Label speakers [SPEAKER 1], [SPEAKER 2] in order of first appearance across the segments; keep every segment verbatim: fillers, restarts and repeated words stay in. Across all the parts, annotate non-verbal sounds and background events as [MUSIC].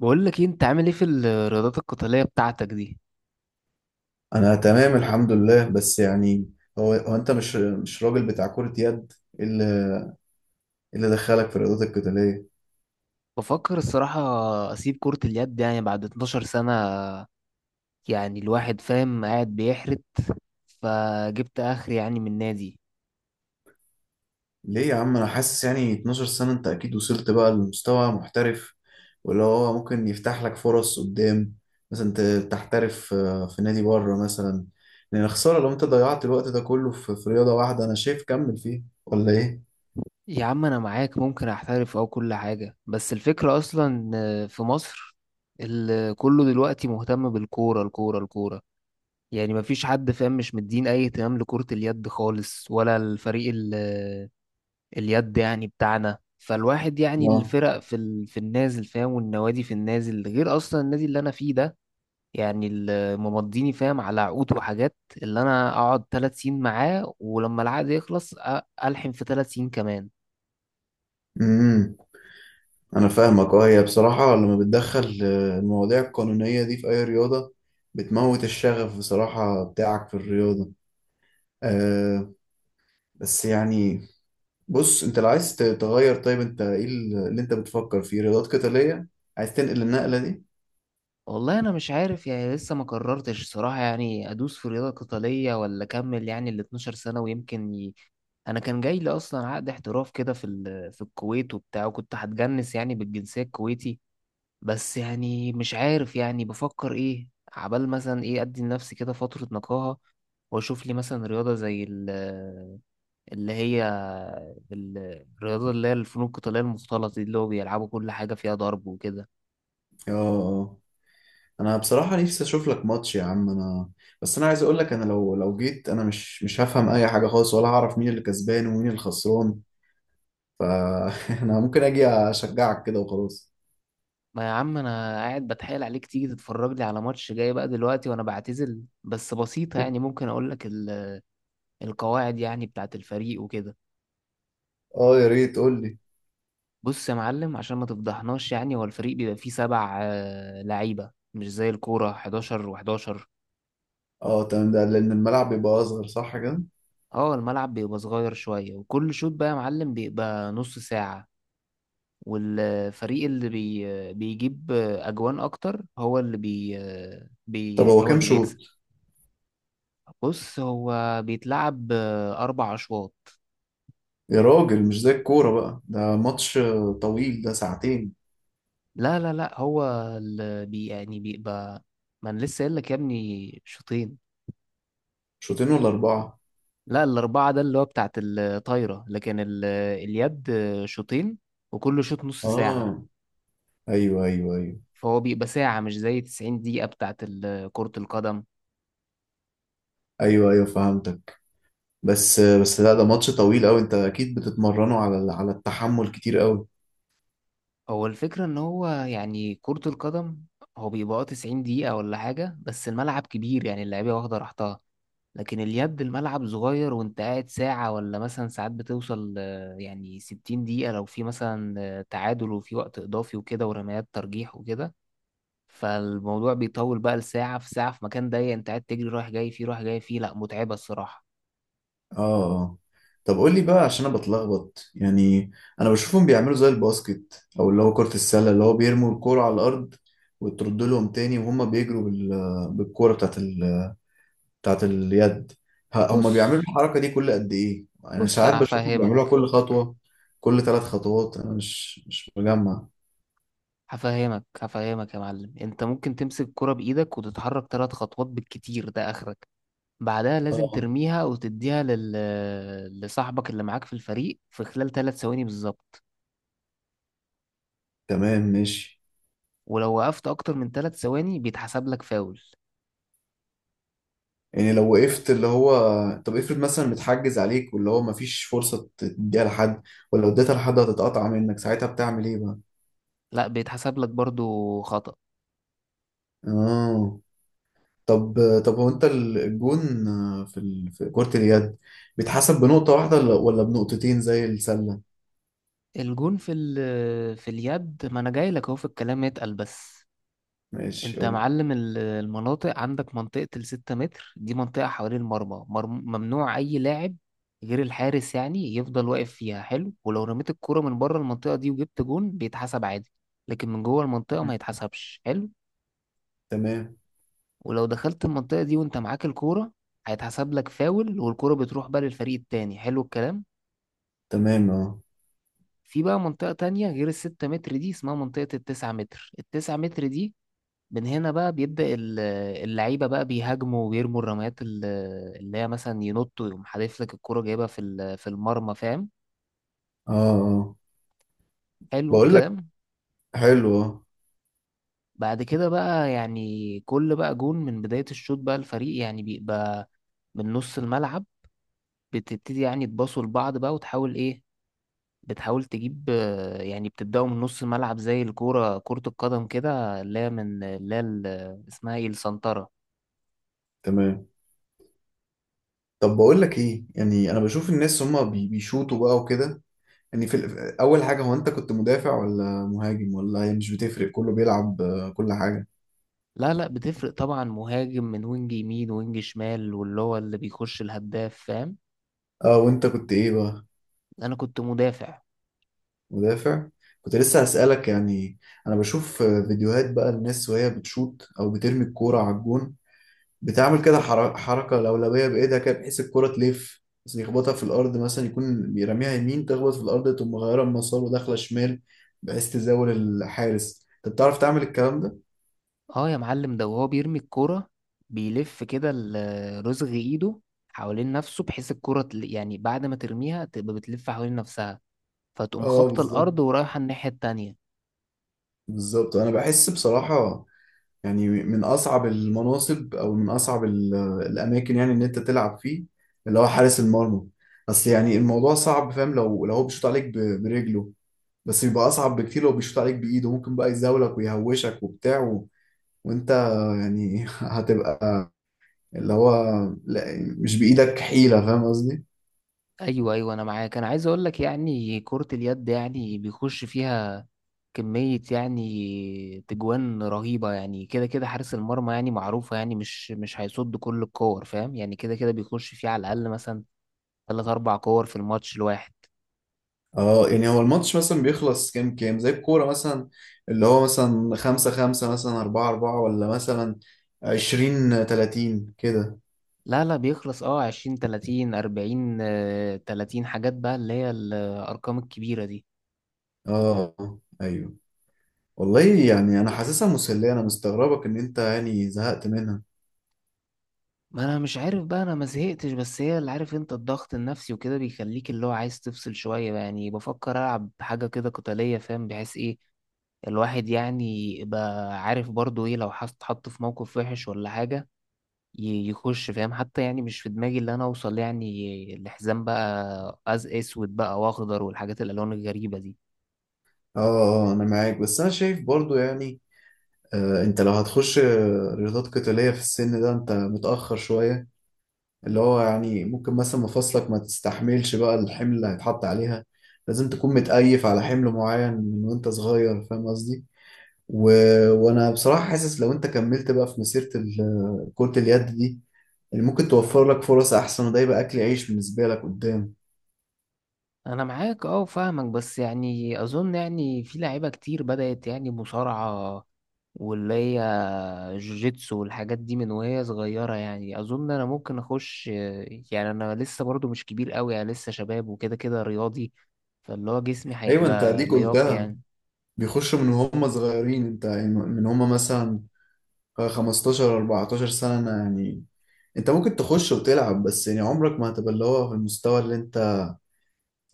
[SPEAKER 1] بقول لك إيه، انت عامل ايه في الرياضات القتالية بتاعتك دي.
[SPEAKER 2] انا تمام الحمد لله، بس يعني هو هو انت مش مش راجل بتاع كرة يد. إيه اللي إيه اللي دخلك في الرياضات القتالية؟
[SPEAKER 1] بفكر الصراحة. اسيب كرة اليد يعني بعد 12 سنة. يعني الواحد فاهم قاعد بيحرت، فجبت اخر يعني من نادي.
[SPEAKER 2] ليه يا عم؟ انا حاسس يعني 12 سنة انت اكيد وصلت بقى لمستوى محترف، واللي هو ممكن يفتح لك فرص قدام. مثلا ت- تحترف آه، في نادي بره مثلا. لان خسارة لو انت ضيعت الوقت ده كله في في رياضة واحدة. انا شايف كمل فيه ولا ايه؟
[SPEAKER 1] يا عم انا معاك، ممكن احترف او كل حاجة، بس الفكرة اصلا في مصر ال- كله دلوقتي مهتم بالكورة الكورة الكورة. يعني مفيش حد فاهم، مش مدين اي اهتمام لكرة اليد خالص ولا الفريق اليد يعني بتاعنا. فالواحد يعني
[SPEAKER 2] اه.
[SPEAKER 1] الفرق في ال... في النازل فاهم، والنوادي في النازل غير اصلا النادي اللي انا فيه ده. يعني اللي ممضيني فاهم على عقود وحاجات، اللي انا اقعد ثلاث سنين معاه، ولما العقد يخلص أ- الحم في ثلاث سنين كمان.
[SPEAKER 2] امم أنا فاهمك، أه. هي بصراحة لما بتدخل آه، المواضيع القانونية دي في أي رياضة بتموت الشغف بصراحة بتاعك في الرياضة. أه، بس يعني. بص، أنت لو عايز ت- تغير، طيب أنت إيه ال- اللي أنت بتفكر فيه رياضات قتالية؟ عايز تنقل النقلة دي؟
[SPEAKER 1] والله انا مش عارف، يعني لسه ما قررتش صراحة يعني ادوس في رياضة قتالية ولا اكمل يعني ال 12 سنة، ويمكن ي... انا كان جاي لي اصلا عقد احتراف كده في ال... في الكويت وبتاع، وكنت هتجنس يعني بالجنسية الكويتي. بس يعني مش عارف، يعني بفكر ايه عبال مثلا ايه ادي لنفسي كده فترة نقاهة، واشوف لي مثلا رياضة زي ال- اللي هي ال- الرياضة اللي هي الفنون القتالية المختلطة دي، اللي هو بيلعبوا كل حاجة فيها ضرب وكده.
[SPEAKER 2] أه آه. أنا بصراحة نفسي أشوف لك ماتش يا عم. أنا بس أنا عايز أقول لك أنا لو لو جيت أنا مش مش هفهم أي حاجة خالص ولا هعرف مين اللي كسبان ومين اللي خسران. فأنا [LAUGHS] ممكن أجي أشجعك كده وخلاص.
[SPEAKER 1] ما يا عم انا قاعد بتحايل عليك تيجي تتفرج لي على ماتش جاي بقى دلوقتي وانا بعتزل. بس بسيطة يعني،
[SPEAKER 2] [LAUGHS]
[SPEAKER 1] ممكن اقول لك ال- القواعد يعني بتاعت الفريق وكده.
[SPEAKER 2] أه، يا ريت قول لي.
[SPEAKER 1] بص يا معلم، عشان ما تفضحناش، يعني هو الفريق بيبقى فيه سبع آه، لعيبة، مش زي الكورة حداشر و11.
[SPEAKER 2] اه تمام. ده لأن الملعب بيبقى أصغر صح كده؟
[SPEAKER 1] اه الملعب بيبقى صغير شوية، وكل شوط بقى يا معلم بيبقى نص ساعة. والفريق اللي بي بيجيب أجوان أكتر هو اللي بي, بي
[SPEAKER 2] طب
[SPEAKER 1] يعني
[SPEAKER 2] هو
[SPEAKER 1] هو
[SPEAKER 2] كام
[SPEAKER 1] اللي
[SPEAKER 2] شوط؟
[SPEAKER 1] بيكسب. بص هو بيتلعب أربع أشواط.
[SPEAKER 2] يا راجل، مش زي الكورة بقى، ده ماتش طويل، ده ساعتين.
[SPEAKER 1] لا لا لا هو اللي بي يعني بيبقى، ما أنا لسه قايل لك يا ابني شوطين.
[SPEAKER 2] شوطين ولا أربعة؟
[SPEAKER 1] لا الأربعة ده اللي هو بتاعت الطايرة، لكن ال- اليد شوطين، وكل شوط نص ساعة.
[SPEAKER 2] اه، أيوه أيوه أيوه.
[SPEAKER 1] فهو بيبقى ساعة مش زي تسعين دقيقة بتاعت ال- كرة القدم.
[SPEAKER 2] أيوه أيوه فهمتك. بس بس لا، ده ماتش طويل أوي. أنت أكيد بتتمرنوا على ال- على التحمل كتير أوي.
[SPEAKER 1] هو الفكرة إن هو يعني كرة القدم هو بيبقى تسعين دقيقة ولا حاجة، بس الملعب كبير يعني اللعيبة واخدة راحتها. لكن اليد الملعب صغير وأنت قاعد ساعة ولا مثلا ساعات، بتوصل آه، يعني ستين دقيقة لو في مثلا آه، تعادل، وفي وقت إضافي وكده ورميات ترجيح وكده. فالموضوع بيطول بقى لساعة في ساعة في مكان ضيق، أنت قاعد تجري رايح جاي فيه رايح جاي فيه. لأ متعبة الصراحة.
[SPEAKER 2] اه اه. طب قول لي بقى عشان أنا بتلخبط يعني. أنا بشوفهم بيعملوا زي الباسكت، أو اللي هو كرة السلة، اللي هو بيرموا الكورة على الأرض وترد لهم تاني، وهم بيجروا بال- بالكورة بتاعت بتاعت اليد. ه- هما
[SPEAKER 1] بص
[SPEAKER 2] بيعملوا الحركة دي كل قد إيه؟ يعني
[SPEAKER 1] بص
[SPEAKER 2] ساعات
[SPEAKER 1] أنا
[SPEAKER 2] بشوفهم بيعملوها
[SPEAKER 1] هفهمك،
[SPEAKER 2] كل خطوة، كل ثلاث خطوات. أنا مش مش مجمع.
[SPEAKER 1] هفهمك هفهمك يا معلم. انت ممكن تمسك الكرة بايدك وتتحرك ثلاث خطوات بالكتير، ده اخرك. بعدها لازم
[SPEAKER 2] اه
[SPEAKER 1] ترميها وتديها لل... لصاحبك اللي معاك في الفريق في خلال ثلاث ثواني بالظبط.
[SPEAKER 2] تمام ماشي.
[SPEAKER 1] ولو وقفت اكتر من ثلاث ثواني بيتحسب لك فاول.
[SPEAKER 2] يعني لو وقفت اللي هو، طب افرض مثلا متحجز عليك واللي هو مفيش فرصة تديها لحد، ولو اديتها لحد هتتقطع منك، ساعتها بتعمل ايه بقى؟
[SPEAKER 1] لا بيتحسب لك برضو خطأ.
[SPEAKER 2] اه. طب طب هو انت الجون في ال... في كرة اليد بيتحسب بنقطة واحدة ولا ولا بنقطتين زي السلة؟
[SPEAKER 1] الجون في ال... في اليد، ما انا جاي لك اهو في الكلام، اتقل بس.
[SPEAKER 2] ماشي
[SPEAKER 1] انت يا
[SPEAKER 2] قول لي.
[SPEAKER 1] معلم ال- المناطق عندك منطقة الستة متر دي، منطقة حوالين المرمى، مرم- ممنوع أي لاعب غير الحارس يعني يفضل واقف فيها. حلو. ولو رميت الكرة من بره المنطقة دي وجبت جون بيتحسب عادي، لكن من جوه المنطقة ما
[SPEAKER 2] مم.
[SPEAKER 1] يتحسبش. حلو.
[SPEAKER 2] تمام.
[SPEAKER 1] ولو دخلت المنطقة دي وانت معاك الكورة هيتحسب لك فاول، والكرة بتروح بقى للفريق التاني. حلو الكلام.
[SPEAKER 2] تمام اه.
[SPEAKER 1] في بقى منطقة تانية غير الستة متر دي، اسمها منطقة التسعة متر. التسعة متر دي من هنا بقى بيبدأ ال- اللعيبة بقى بيهاجموا ويرموا الرميات ال- اللي هي مثلا ينطوا يقوم حادف لك الكرة جايبها في ال- في المرمى فاهم.
[SPEAKER 2] اه اه.
[SPEAKER 1] حلو
[SPEAKER 2] بقول لك.
[SPEAKER 1] الكلام.
[SPEAKER 2] حلو اه.
[SPEAKER 1] بعد كده بقى يعني كل بقى جون من بداية الشوط بقى الفريق يعني بيبقى من نص الملعب، بتبتدي يعني تباصوا لبعض بقى، وتحاول ايه، بتحاول تجيب آه، يعني بتبدأوا من نص الملعب زي الكورة كرة القدم كده اللي هي من اللي هي ال- اسمها ايه، السنترة.
[SPEAKER 2] تمام. طب بقول لك ايه، يعني انا بشوف الناس هما بي- بيشوطوا بقى وكده. يعني في ال- اول حاجه، هو انت كنت مدافع ولا مهاجم، ولا هي مش بتفرق كله بيلعب آه، كل حاجه؟
[SPEAKER 1] لا لا بتفرق طبعا، مهاجم من وينج يمين وينج شمال، واللي هو اللي بيخش الهداف فاهم.
[SPEAKER 2] اه، وانت كنت ايه بقى؟
[SPEAKER 1] انا كنت مدافع.
[SPEAKER 2] مدافع. كنت لسه هسألك يعني. انا بشوف آه، فيديوهات بقى الناس وهي بتشوط او بترمي الكوره على الجون. بتعمل كده حر- حركة لولبية بإيدها كده، بحيث الكرة تلف، بس يخبطها في الأرض. مثلا يكون بيرميها يمين، تخبط في الأرض، تقوم مغيرة المسار وداخلة شمال بحيث تزاول الحارس. أنت بتعرف تعمل الكلام ده؟
[SPEAKER 1] اه يا معلم، ده وهو بيرمي الكرة بيلف كده ال- رزغ ايده حوالين نفسه، بحيث الكرة تل- يعني بعد ما ترميها تبقى بتلف حوالين نفسها، فتقوم
[SPEAKER 2] اه
[SPEAKER 1] خابطة
[SPEAKER 2] بالظبط.
[SPEAKER 1] الأرض ورايحة الناحية التانية.
[SPEAKER 2] بالظبط أنا بحس بصراحة يعني من أصعب المناصب، أو من أصعب ال- الأماكن يعني إن أنت تلعب فيه، اللي هو حارس المرمى. بس يعني الموضوع صعب فاهم. لو لو هو بيشوط عليك ب- برجله، بس بيبقى أصعب بكتير لو بيشوط عليك بإيده. ممكن بقى يزاولك ويهوشك وبتاع، وانت يعني [LAUGHS] هتبقى اللي هو، لا مش بإيدك حيلة، فاهم قصدي؟
[SPEAKER 1] ايوه ايوه انا معاك. انا عايز اقول لك يعني كرة اليد يعني بيخش فيها كمية يعني تجوان رهيبة. يعني كده كده حارس المرمى يعني معروفة، يعني مش مش هيصد كل الكور فاهم، يعني كده كده بيخش فيه على الأقل مثلا تلات أربع كور في الماتش الواحد.
[SPEAKER 2] اه. يعني هو الماتش مثلا بيخلص كام كام زي الكورة مثلا، اللي هو مثلا خمسة خمسة، مثلا أربعة أربعة، ولا مثلا عشرين تلاتين كده؟
[SPEAKER 1] لا لا بيخلص اه عشرين تلاتين أربعين آه، تلاتين حاجات بقى اللي هي الأرقام الكبيرة دي.
[SPEAKER 2] اه أيوه. والله يعني أنا حاسسها مسلية، أنا مستغربك إن أنت يعني زهقت منها.
[SPEAKER 1] ما انا مش عارف بقى، انا ما زهقتش، بس هي اللي عارف انت الضغط النفسي وكده بيخليك اللي هو عايز تفصل شوية بقى، يعني بفكر العب حاجة كده قتالية فاهم، بحيث ايه الواحد يعني يبقى عارف برضو ايه لو حط حط في موقف وحش ولا حاجة ي- يخش فاهم، حتى يعني مش في دماغي اللي انا اوصل يعني لحزام بقى أز اسود بقى واخضر والحاجات الالوان الغريبة دي.
[SPEAKER 2] اه اه. أنا معاك، بس أنا شايف برضو يعني. آه أنت لو هتخش آه، رياضات قتالية في السن ده أنت متأخر شوية. اللي هو يعني ممكن مثلا مفاصلك ما تستحملش بقى الحمل اللي هيتحط عليها. لازم تكون متأيف على حمل معين من وانت صغير، فاهم قصدي؟ و... وانا بصراحة حاسس لو انت كملت بقى في مسيرة ال- كرة اليد دي، اللي ممكن توفر لك فرص احسن، وده يبقى اكل عيش بالنسبة لك قدام.
[SPEAKER 1] انا معاك اه فاهمك، بس يعني اظن يعني في لعيبة كتير بدأت يعني مصارعة واللي هي جوجيتسو والحاجات دي من وهي صغيرة. يعني أظن أنا ممكن أخش، يعني أنا لسه برضو مش كبير قوي، أنا لسه شباب وكده كده رياضي، فاللي هو جسمي
[SPEAKER 2] ايوه، انت
[SPEAKER 1] هيبقى
[SPEAKER 2] اديك
[SPEAKER 1] لياقي
[SPEAKER 2] قلتها.
[SPEAKER 1] يعني.
[SPEAKER 2] بيخشوا من هم صغيرين، انت يعني من هم مثلا خمستاشر 14 سنة. يعني انت ممكن تخش وتلعب، بس يعني عمرك ما هتبقى اللي هو في المستوى اللي انت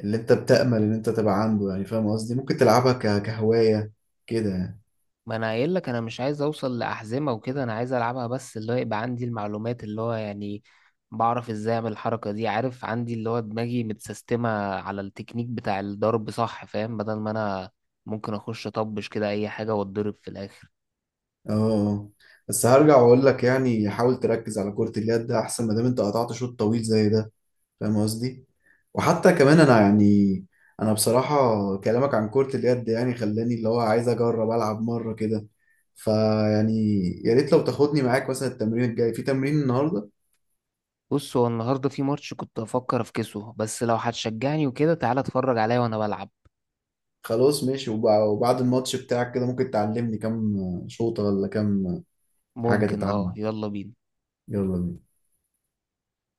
[SPEAKER 2] اللي انت بتأمل ان انت تبقى عنده، يعني فاهم قصدي. ممكن تلعبها ك- كهواية كده يعني.
[SPEAKER 1] ما أنا قايل لك أنا مش عايز أوصل لأحزمة وكده، أنا عايز ألعبها بس اللي هو يبقى عندي المعلومات، اللي هو يعني بعرف إزاي أعمل الحركة دي، عارف عندي اللي هو دماغي متسيستمة على التكنيك بتاع الضرب صح فاهم، بدل ما أنا ممكن أخش أطبش كده أي حاجة وأتضرب في الآخر.
[SPEAKER 2] اه آه. بس هرجع واقول لك يعني حاول تركز على كرة اليد ده احسن، ما دام انت قطعت شوط طويل زي ده، فاهم قصدي. وحتى كمان انا يعني، انا بصراحة كلامك عن كرة اليد يعني خلاني اللي هو عايز اجرب العب مرة كده. فيعني يا ريت لو تاخدني معاك مثلا التمرين الجاي في تمرين النهاردة.
[SPEAKER 1] بص هو النهارده في ماتش كنت افكر افكسه، بس لو هتشجعني وكده تعالى اتفرج عليا وانا بلعب.
[SPEAKER 2] خلاص ماشي. وب- وبعد الماتش بتاعك كده ممكن تعلمني كام شوطة ولا كام حاجة
[SPEAKER 1] ممكن اه.
[SPEAKER 2] تتعلم.
[SPEAKER 1] يلا بينا.
[SPEAKER 2] يلا بينا.